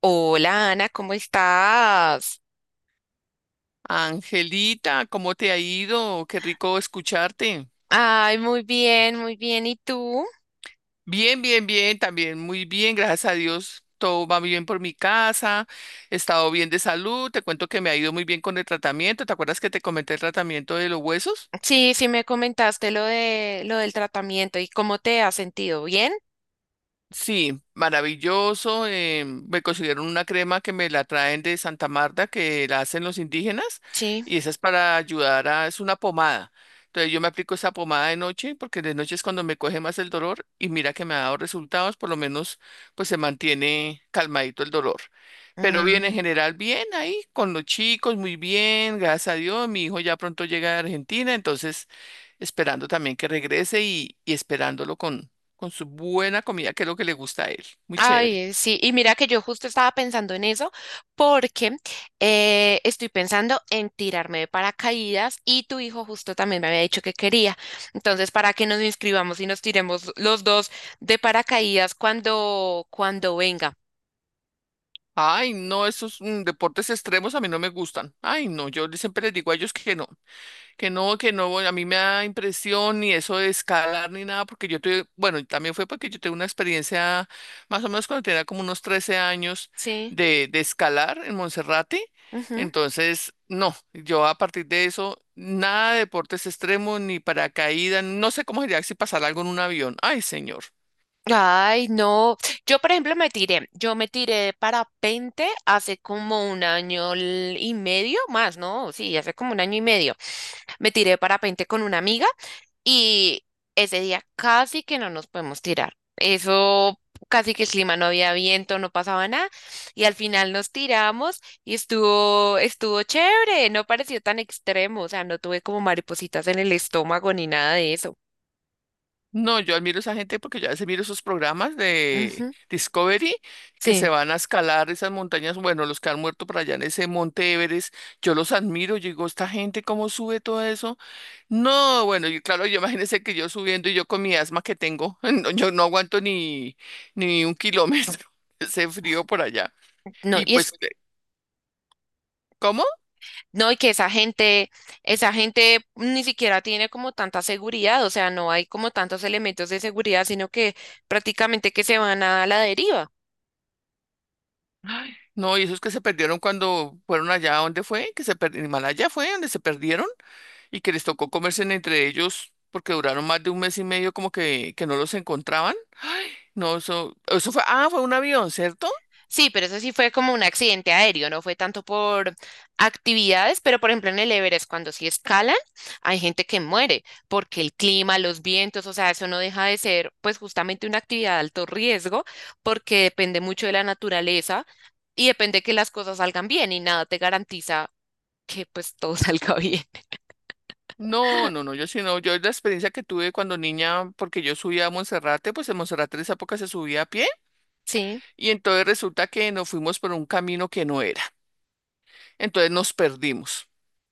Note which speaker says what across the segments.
Speaker 1: Hola Ana, ¿cómo estás?
Speaker 2: Angelita, ¿cómo te ha ido? Qué rico escucharte.
Speaker 1: Ay, muy bien, muy bien. ¿Y tú?
Speaker 2: Bien, bien, bien, también muy bien, gracias a Dios. Todo va bien por mi casa, he estado bien de salud, te cuento que me ha ido muy bien con el tratamiento. ¿Te acuerdas que te comenté el tratamiento de los huesos?
Speaker 1: Sí, sí me comentaste lo del tratamiento y cómo te has sentido. ¿Bien?
Speaker 2: Sí, maravilloso. Me consiguieron una crema que me la traen de Santa Marta, que la hacen los indígenas,
Speaker 1: Sí.
Speaker 2: y esa es para ayudar a, es una pomada. Entonces yo me aplico esa pomada de noche, porque de noche es cuando me coge más el dolor, y mira que me ha dado resultados, por lo menos pues se mantiene calmadito el dolor. Pero bien, en
Speaker 1: Mm.
Speaker 2: general, bien ahí, con los chicos, muy bien, gracias a Dios. Mi hijo ya pronto llega de Argentina, entonces esperando también que regrese y esperándolo con su buena comida, que es lo que le gusta a él. Muy
Speaker 1: Ay,
Speaker 2: chévere.
Speaker 1: sí. Y mira que yo justo estaba pensando en eso porque estoy pensando en tirarme de paracaídas y tu hijo justo también me había dicho que quería. Entonces, para que nos inscribamos y nos tiremos los dos de paracaídas cuando venga.
Speaker 2: Ay, no, esos deportes extremos a mí no me gustan. Ay, no, yo siempre les digo a ellos que no. Que no, que no, a mí me da impresión ni eso de escalar ni nada, porque yo tuve, bueno, y también fue porque yo tuve una experiencia más o menos cuando tenía como unos 13 años
Speaker 1: Sí.
Speaker 2: de escalar en Monserrate. Entonces, no, yo a partir de eso, nada de deportes extremos ni paracaídas, no sé cómo sería si pasara algo en un avión. Ay, señor.
Speaker 1: Ay, no. Yo, por ejemplo, me tiré. Yo me tiré de parapente hace como un año y medio más, ¿no? Sí, hace como un año y medio. Me tiré de parapente con una amiga y ese día casi que no nos podemos tirar. Eso, casi que el clima, no había viento, no pasaba nada. Y al final nos tiramos y estuvo, estuvo chévere. No pareció tan extremo. O sea, no tuve como maripositas en el estómago ni nada de eso.
Speaker 2: No, yo admiro a esa gente porque yo a veces miro esos programas de
Speaker 1: Ujú.
Speaker 2: Discovery que
Speaker 1: Sí,
Speaker 2: se van a escalar esas montañas, bueno, los que han muerto por allá en ese monte Everest, yo los admiro, yo digo, esta gente cómo sube todo eso. No, bueno, y claro, yo imagínense que yo subiendo y yo con mi asma que tengo, no, yo no aguanto ni un kilómetro, ese frío por allá.
Speaker 1: no,
Speaker 2: Y
Speaker 1: y es.
Speaker 2: pues, ¿cómo?
Speaker 1: No, y que esa gente ni siquiera tiene como tanta seguridad, o sea, no hay como tantos elementos de seguridad, sino que prácticamente que se van a la deriva.
Speaker 2: Ay, no, y esos que se perdieron cuando fueron allá, ¿dónde fue? Que se perdieron, Himalaya fue donde se perdieron. Y que les tocó comerse entre ellos porque duraron más de un mes y medio como que no los encontraban. No, eso fue, ah, fue un avión, ¿cierto?
Speaker 1: Sí, pero eso sí fue como un accidente aéreo, no fue tanto por actividades, pero por ejemplo en el Everest, cuando sí escalan, hay gente que muere porque el clima, los vientos, o sea, eso no deja de ser pues justamente una actividad de alto riesgo porque depende mucho de la naturaleza y depende que las cosas salgan bien y nada te garantiza que pues todo salga bien.
Speaker 2: No, no, no, yo sí no, yo la experiencia que tuve cuando niña, porque yo subía a Monserrate, pues en Monserrate en esa época se subía a pie,
Speaker 1: Sí.
Speaker 2: y entonces resulta que nos fuimos por un camino que no era, entonces nos perdimos.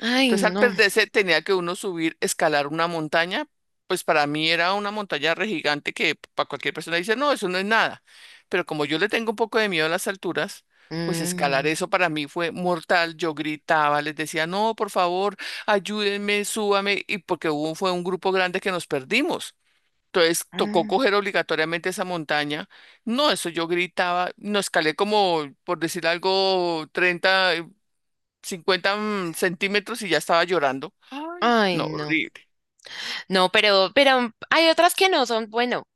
Speaker 1: Ay,
Speaker 2: Entonces, al
Speaker 1: no.
Speaker 2: perderse, tenía que uno subir, escalar una montaña. Pues para mí era una montaña re gigante que para cualquier persona dice, no, eso no es nada. Pero como yo le tengo un poco de miedo a las alturas, pues escalar
Speaker 1: Mm,
Speaker 2: eso para mí fue mortal. Yo gritaba, les decía, no, por favor, ayúdenme, súbame. Y porque hubo, fue un grupo grande que nos perdimos. Entonces tocó
Speaker 1: mm.
Speaker 2: coger obligatoriamente esa montaña. No, eso yo gritaba, no escalé como, por decir algo, 30, 50 centímetros y ya estaba llorando,
Speaker 1: Ay,
Speaker 2: no,
Speaker 1: no.
Speaker 2: horrible.
Speaker 1: No, pero hay otras que no son, bueno,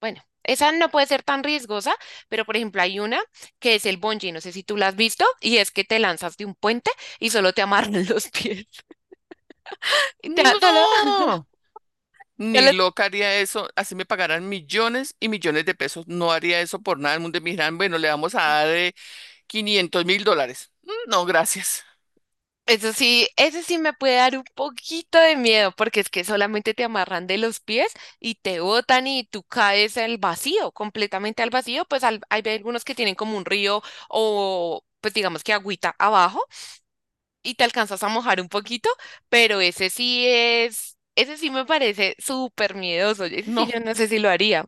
Speaker 1: bueno, esa no puede ser tan riesgosa, pero por ejemplo hay una que es el bungee, no sé si tú la has visto, y es que te lanzas de un puente y solo te amarran los pies. Y te, solo,
Speaker 2: No, ni
Speaker 1: solo.
Speaker 2: loca haría eso. Así me pagarán millones y millones de pesos. No haría eso por nada. El mundo me dirán, bueno, le vamos a dar 500 mil dólares. Mm, no, gracias.
Speaker 1: Eso sí me puede dar un poquito de miedo, porque es que solamente te amarran de los pies y te botan y tú caes al vacío, completamente al vacío. Pues hay algunos que tienen como un río o pues digamos que agüita abajo y te alcanzas a mojar un poquito, pero ese sí es, ese sí me parece súper miedoso. Ese sí
Speaker 2: No.
Speaker 1: yo no sé si lo haría.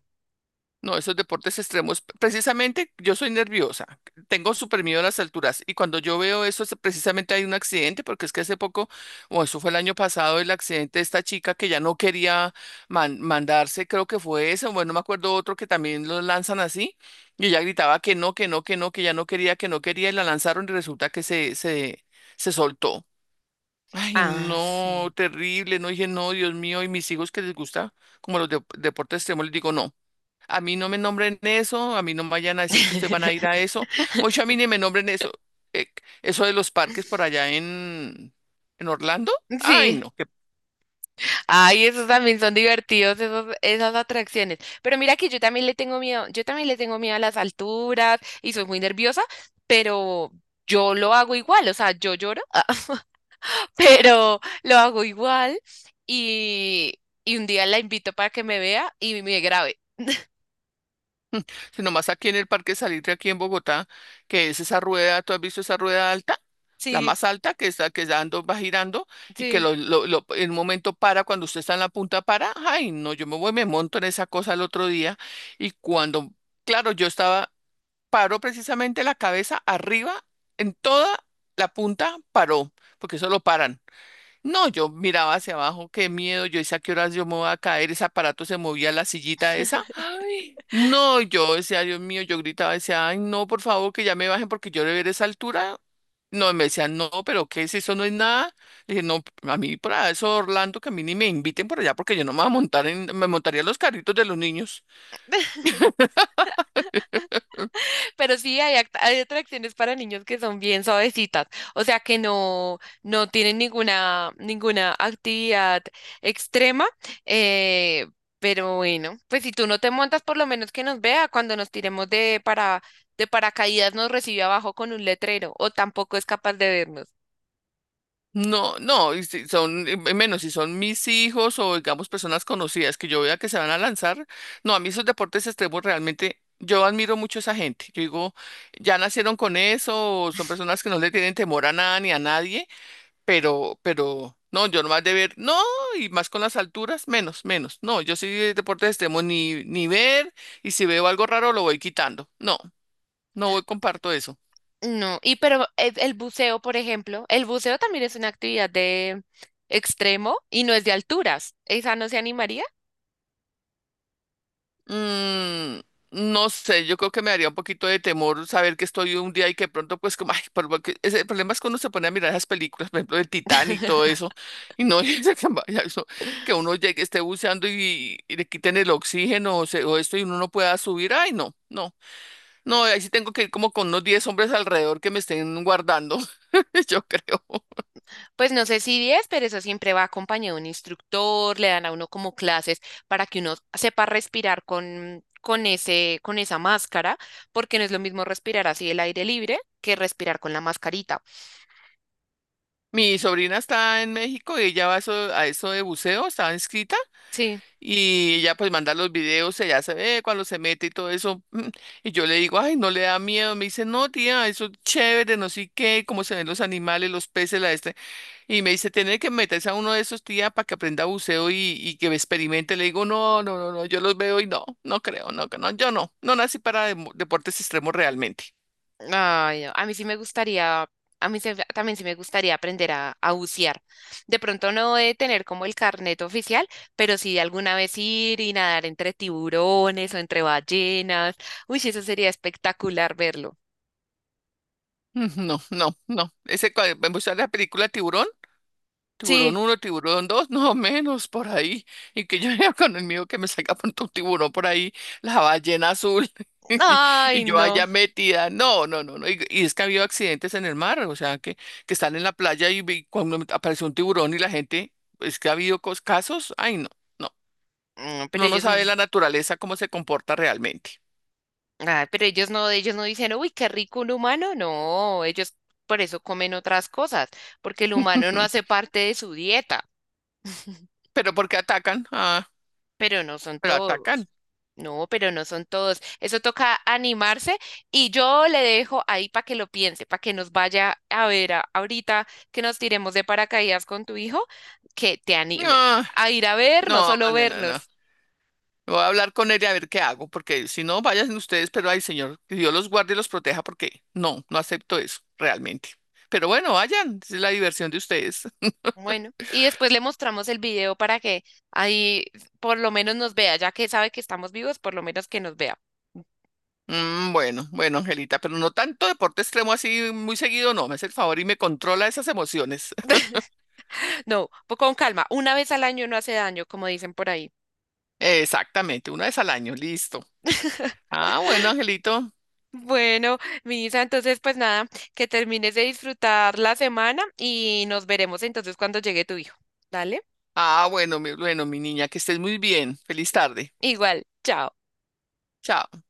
Speaker 2: No, esos deportes extremos, precisamente yo soy nerviosa, tengo súper miedo a las alturas y cuando yo veo eso, precisamente hay un accidente, porque es que hace poco, o eso fue el año pasado, el accidente de esta chica que ya no quería mandarse, creo que fue ese, bueno, no me acuerdo otro que también lo lanzan así y ella gritaba que no, que no, que no, que ya no quería, que no quería y la lanzaron y resulta que se soltó. Ay,
Speaker 1: Ah,
Speaker 2: no,
Speaker 1: sí.
Speaker 2: terrible, no dije, no, Dios mío, y mis hijos que les gusta como los deportes extremos, les digo, no. A mí no me nombren eso, a mí no me vayan a decir que ustedes van a ir a eso. Mucho a mí ni me nombren eso. eh, Eso de los parques por allá en, Orlando. Ay,
Speaker 1: Sí.
Speaker 2: no, que,
Speaker 1: Ay, esos también son divertidos, esos, esas atracciones. Pero mira que yo también le tengo miedo, yo también le tengo miedo a las alturas y soy muy nerviosa, pero yo lo hago igual, o sea, yo lloro, pero lo hago igual y, y un día la invito para que me vea y me grabe.
Speaker 2: sino más aquí en el Parque Salitre, aquí en Bogotá, que es esa rueda, ¿tú has visto esa rueda alta? La
Speaker 1: Sí,
Speaker 2: más alta que está, que dando, va girando y que
Speaker 1: sí.
Speaker 2: en un momento para, cuando usted está en la punta para. Ay, no, yo me voy, me monto en esa cosa el otro día y cuando, claro, yo estaba. Paró precisamente la cabeza arriba, en toda la punta paró, porque eso lo paran. No, yo miraba hacia abajo, qué miedo, yo hice a qué horas yo me voy a caer, ese aparato se movía la sillita esa. Ay, no, yo decía, Dios mío, yo gritaba, decía, ay, no, por favor, que ya me bajen porque yo de ver esa altura. No, y me decían, no, pero ¿qué es eso? No es nada. Le dije, no, a mí para eso, Orlando, que a mí ni me inviten por allá porque yo no me voy a montar en, me montaría en los carritos de los niños.
Speaker 1: Pero sí hay, hay atracciones para niños que son bien suavecitas, o sea que no, no tienen ninguna, ninguna actividad extrema, eh, pero bueno, pues si tú no te montas, por lo menos que nos vea cuando nos tiremos de para, de paracaídas, nos recibe abajo con un letrero, o tampoco es capaz de vernos.
Speaker 2: No, no, y si son, y menos si son mis hijos o digamos personas conocidas que yo vea que se van a lanzar. No, a mí esos deportes extremos realmente, yo admiro mucho a esa gente. Yo digo, ya nacieron con eso, o son personas que no le tienen temor a nada ni a nadie, no, yo nomás de ver, no, y más con las alturas, menos, menos. No, yo sí de deportes extremos ni ver, y si veo algo raro lo voy quitando. No, no voy, comparto eso.
Speaker 1: No, y pero el buceo, por ejemplo, el buceo también es una actividad de extremo y no es de alturas. Esa no se animaría.
Speaker 2: Mm, no sé, yo creo que me daría un poquito de temor saber que estoy un día y que pronto, pues, como, ay, por lo el problema es cuando se pone a mirar esas películas, por ejemplo, el Titanic y todo eso, y no dice que, vaya eso, que uno llegue, esté buceando y le quiten el oxígeno o, o esto y uno no pueda subir. Ay, no, no, no, ahí sí tengo que ir como con unos 10 hombres alrededor que me estén guardando, yo creo.
Speaker 1: Pues no sé si 10, pero eso siempre va acompañado de un instructor, le dan a uno como clases para que uno sepa respirar con ese, con esa máscara, porque no es lo mismo respirar así el aire libre que respirar con la mascarita.
Speaker 2: Mi sobrina está en México y ella va a eso de buceo, estaba inscrita.
Speaker 1: Sí.
Speaker 2: Y ella pues manda los videos, ella se ve cuando se mete y todo eso. Y yo le digo, ay, no le da miedo. Me dice, no, tía, eso es chévere, no sé qué, cómo se ven los animales, los peces, la este. Y me dice, tiene que meterse a uno de esos, tía, para que aprenda buceo y que experimente. Le digo, no, no, no, no, yo los veo y no, no creo, no, que no, yo no, no nací para deportes extremos realmente.
Speaker 1: Ay, no, a mí sí me gustaría, a mí también sí me gustaría aprender a bucear. De pronto no de tener como el carnet oficial, pero sí de alguna vez ir y nadar entre tiburones o entre ballenas. Uy, sí, eso sería espectacular verlo.
Speaker 2: Mm, no, no, no. Ese, me mostró la película Tiburón. Tiburón
Speaker 1: Sí.
Speaker 2: uno, tiburón dos, no menos por ahí. Y que yo ya con el mío que me saca pronto un tiburón por ahí, la ballena azul. Y y
Speaker 1: Ay,
Speaker 2: yo
Speaker 1: no.
Speaker 2: allá metida. No, no, no, no. Y es que ha habido accidentes en el mar, o sea, que están en la playa cuando apareció un tiburón y la gente, es que ha habido casos. Ay, no, no.
Speaker 1: No, pero
Speaker 2: No
Speaker 1: ellos,
Speaker 2: sabe la naturaleza cómo se comporta realmente.
Speaker 1: ah, pero ellos no dicen, uy, qué rico un humano. No, ellos por eso comen otras cosas, porque el humano no hace parte de su dieta,
Speaker 2: Pero ¿por qué atacan? Ah,
Speaker 1: pero no son
Speaker 2: pero
Speaker 1: todos.
Speaker 2: atacan.
Speaker 1: No, pero no son todos. Eso toca animarse y yo le dejo ahí para que lo piense, para que nos vaya a ver ahorita que nos tiremos de paracaídas con tu hijo, que te animes
Speaker 2: No,
Speaker 1: a ir a ver, no
Speaker 2: no,
Speaker 1: solo
Speaker 2: no, no, no.
Speaker 1: vernos.
Speaker 2: Voy a hablar con él y a ver qué hago, porque si no, vayan ustedes, pero ay, señor, que Dios los guarde y los proteja, porque no, no acepto eso, realmente. Pero bueno, vayan, esa es la diversión de ustedes.
Speaker 1: Bueno, y después le mostramos el video para que ahí por lo menos nos vea, ya que sabe que estamos vivos, por lo menos que nos vea.
Speaker 2: Bueno, bueno, Angelita, pero no tanto deporte extremo así muy seguido, no, me hace el favor y me controla esas emociones.
Speaker 1: No, con calma, una vez al año no hace daño, como dicen por ahí.
Speaker 2: Exactamente, una vez al año, listo. Ah, bueno, Angelito.
Speaker 1: Bueno, Misa, entonces pues nada, que termines de disfrutar la semana y nos veremos entonces cuando llegue tu hijo. Dale,
Speaker 2: Ah, bueno, mi niña, que estés muy bien. Feliz tarde.
Speaker 1: igual, chao.
Speaker 2: Chao.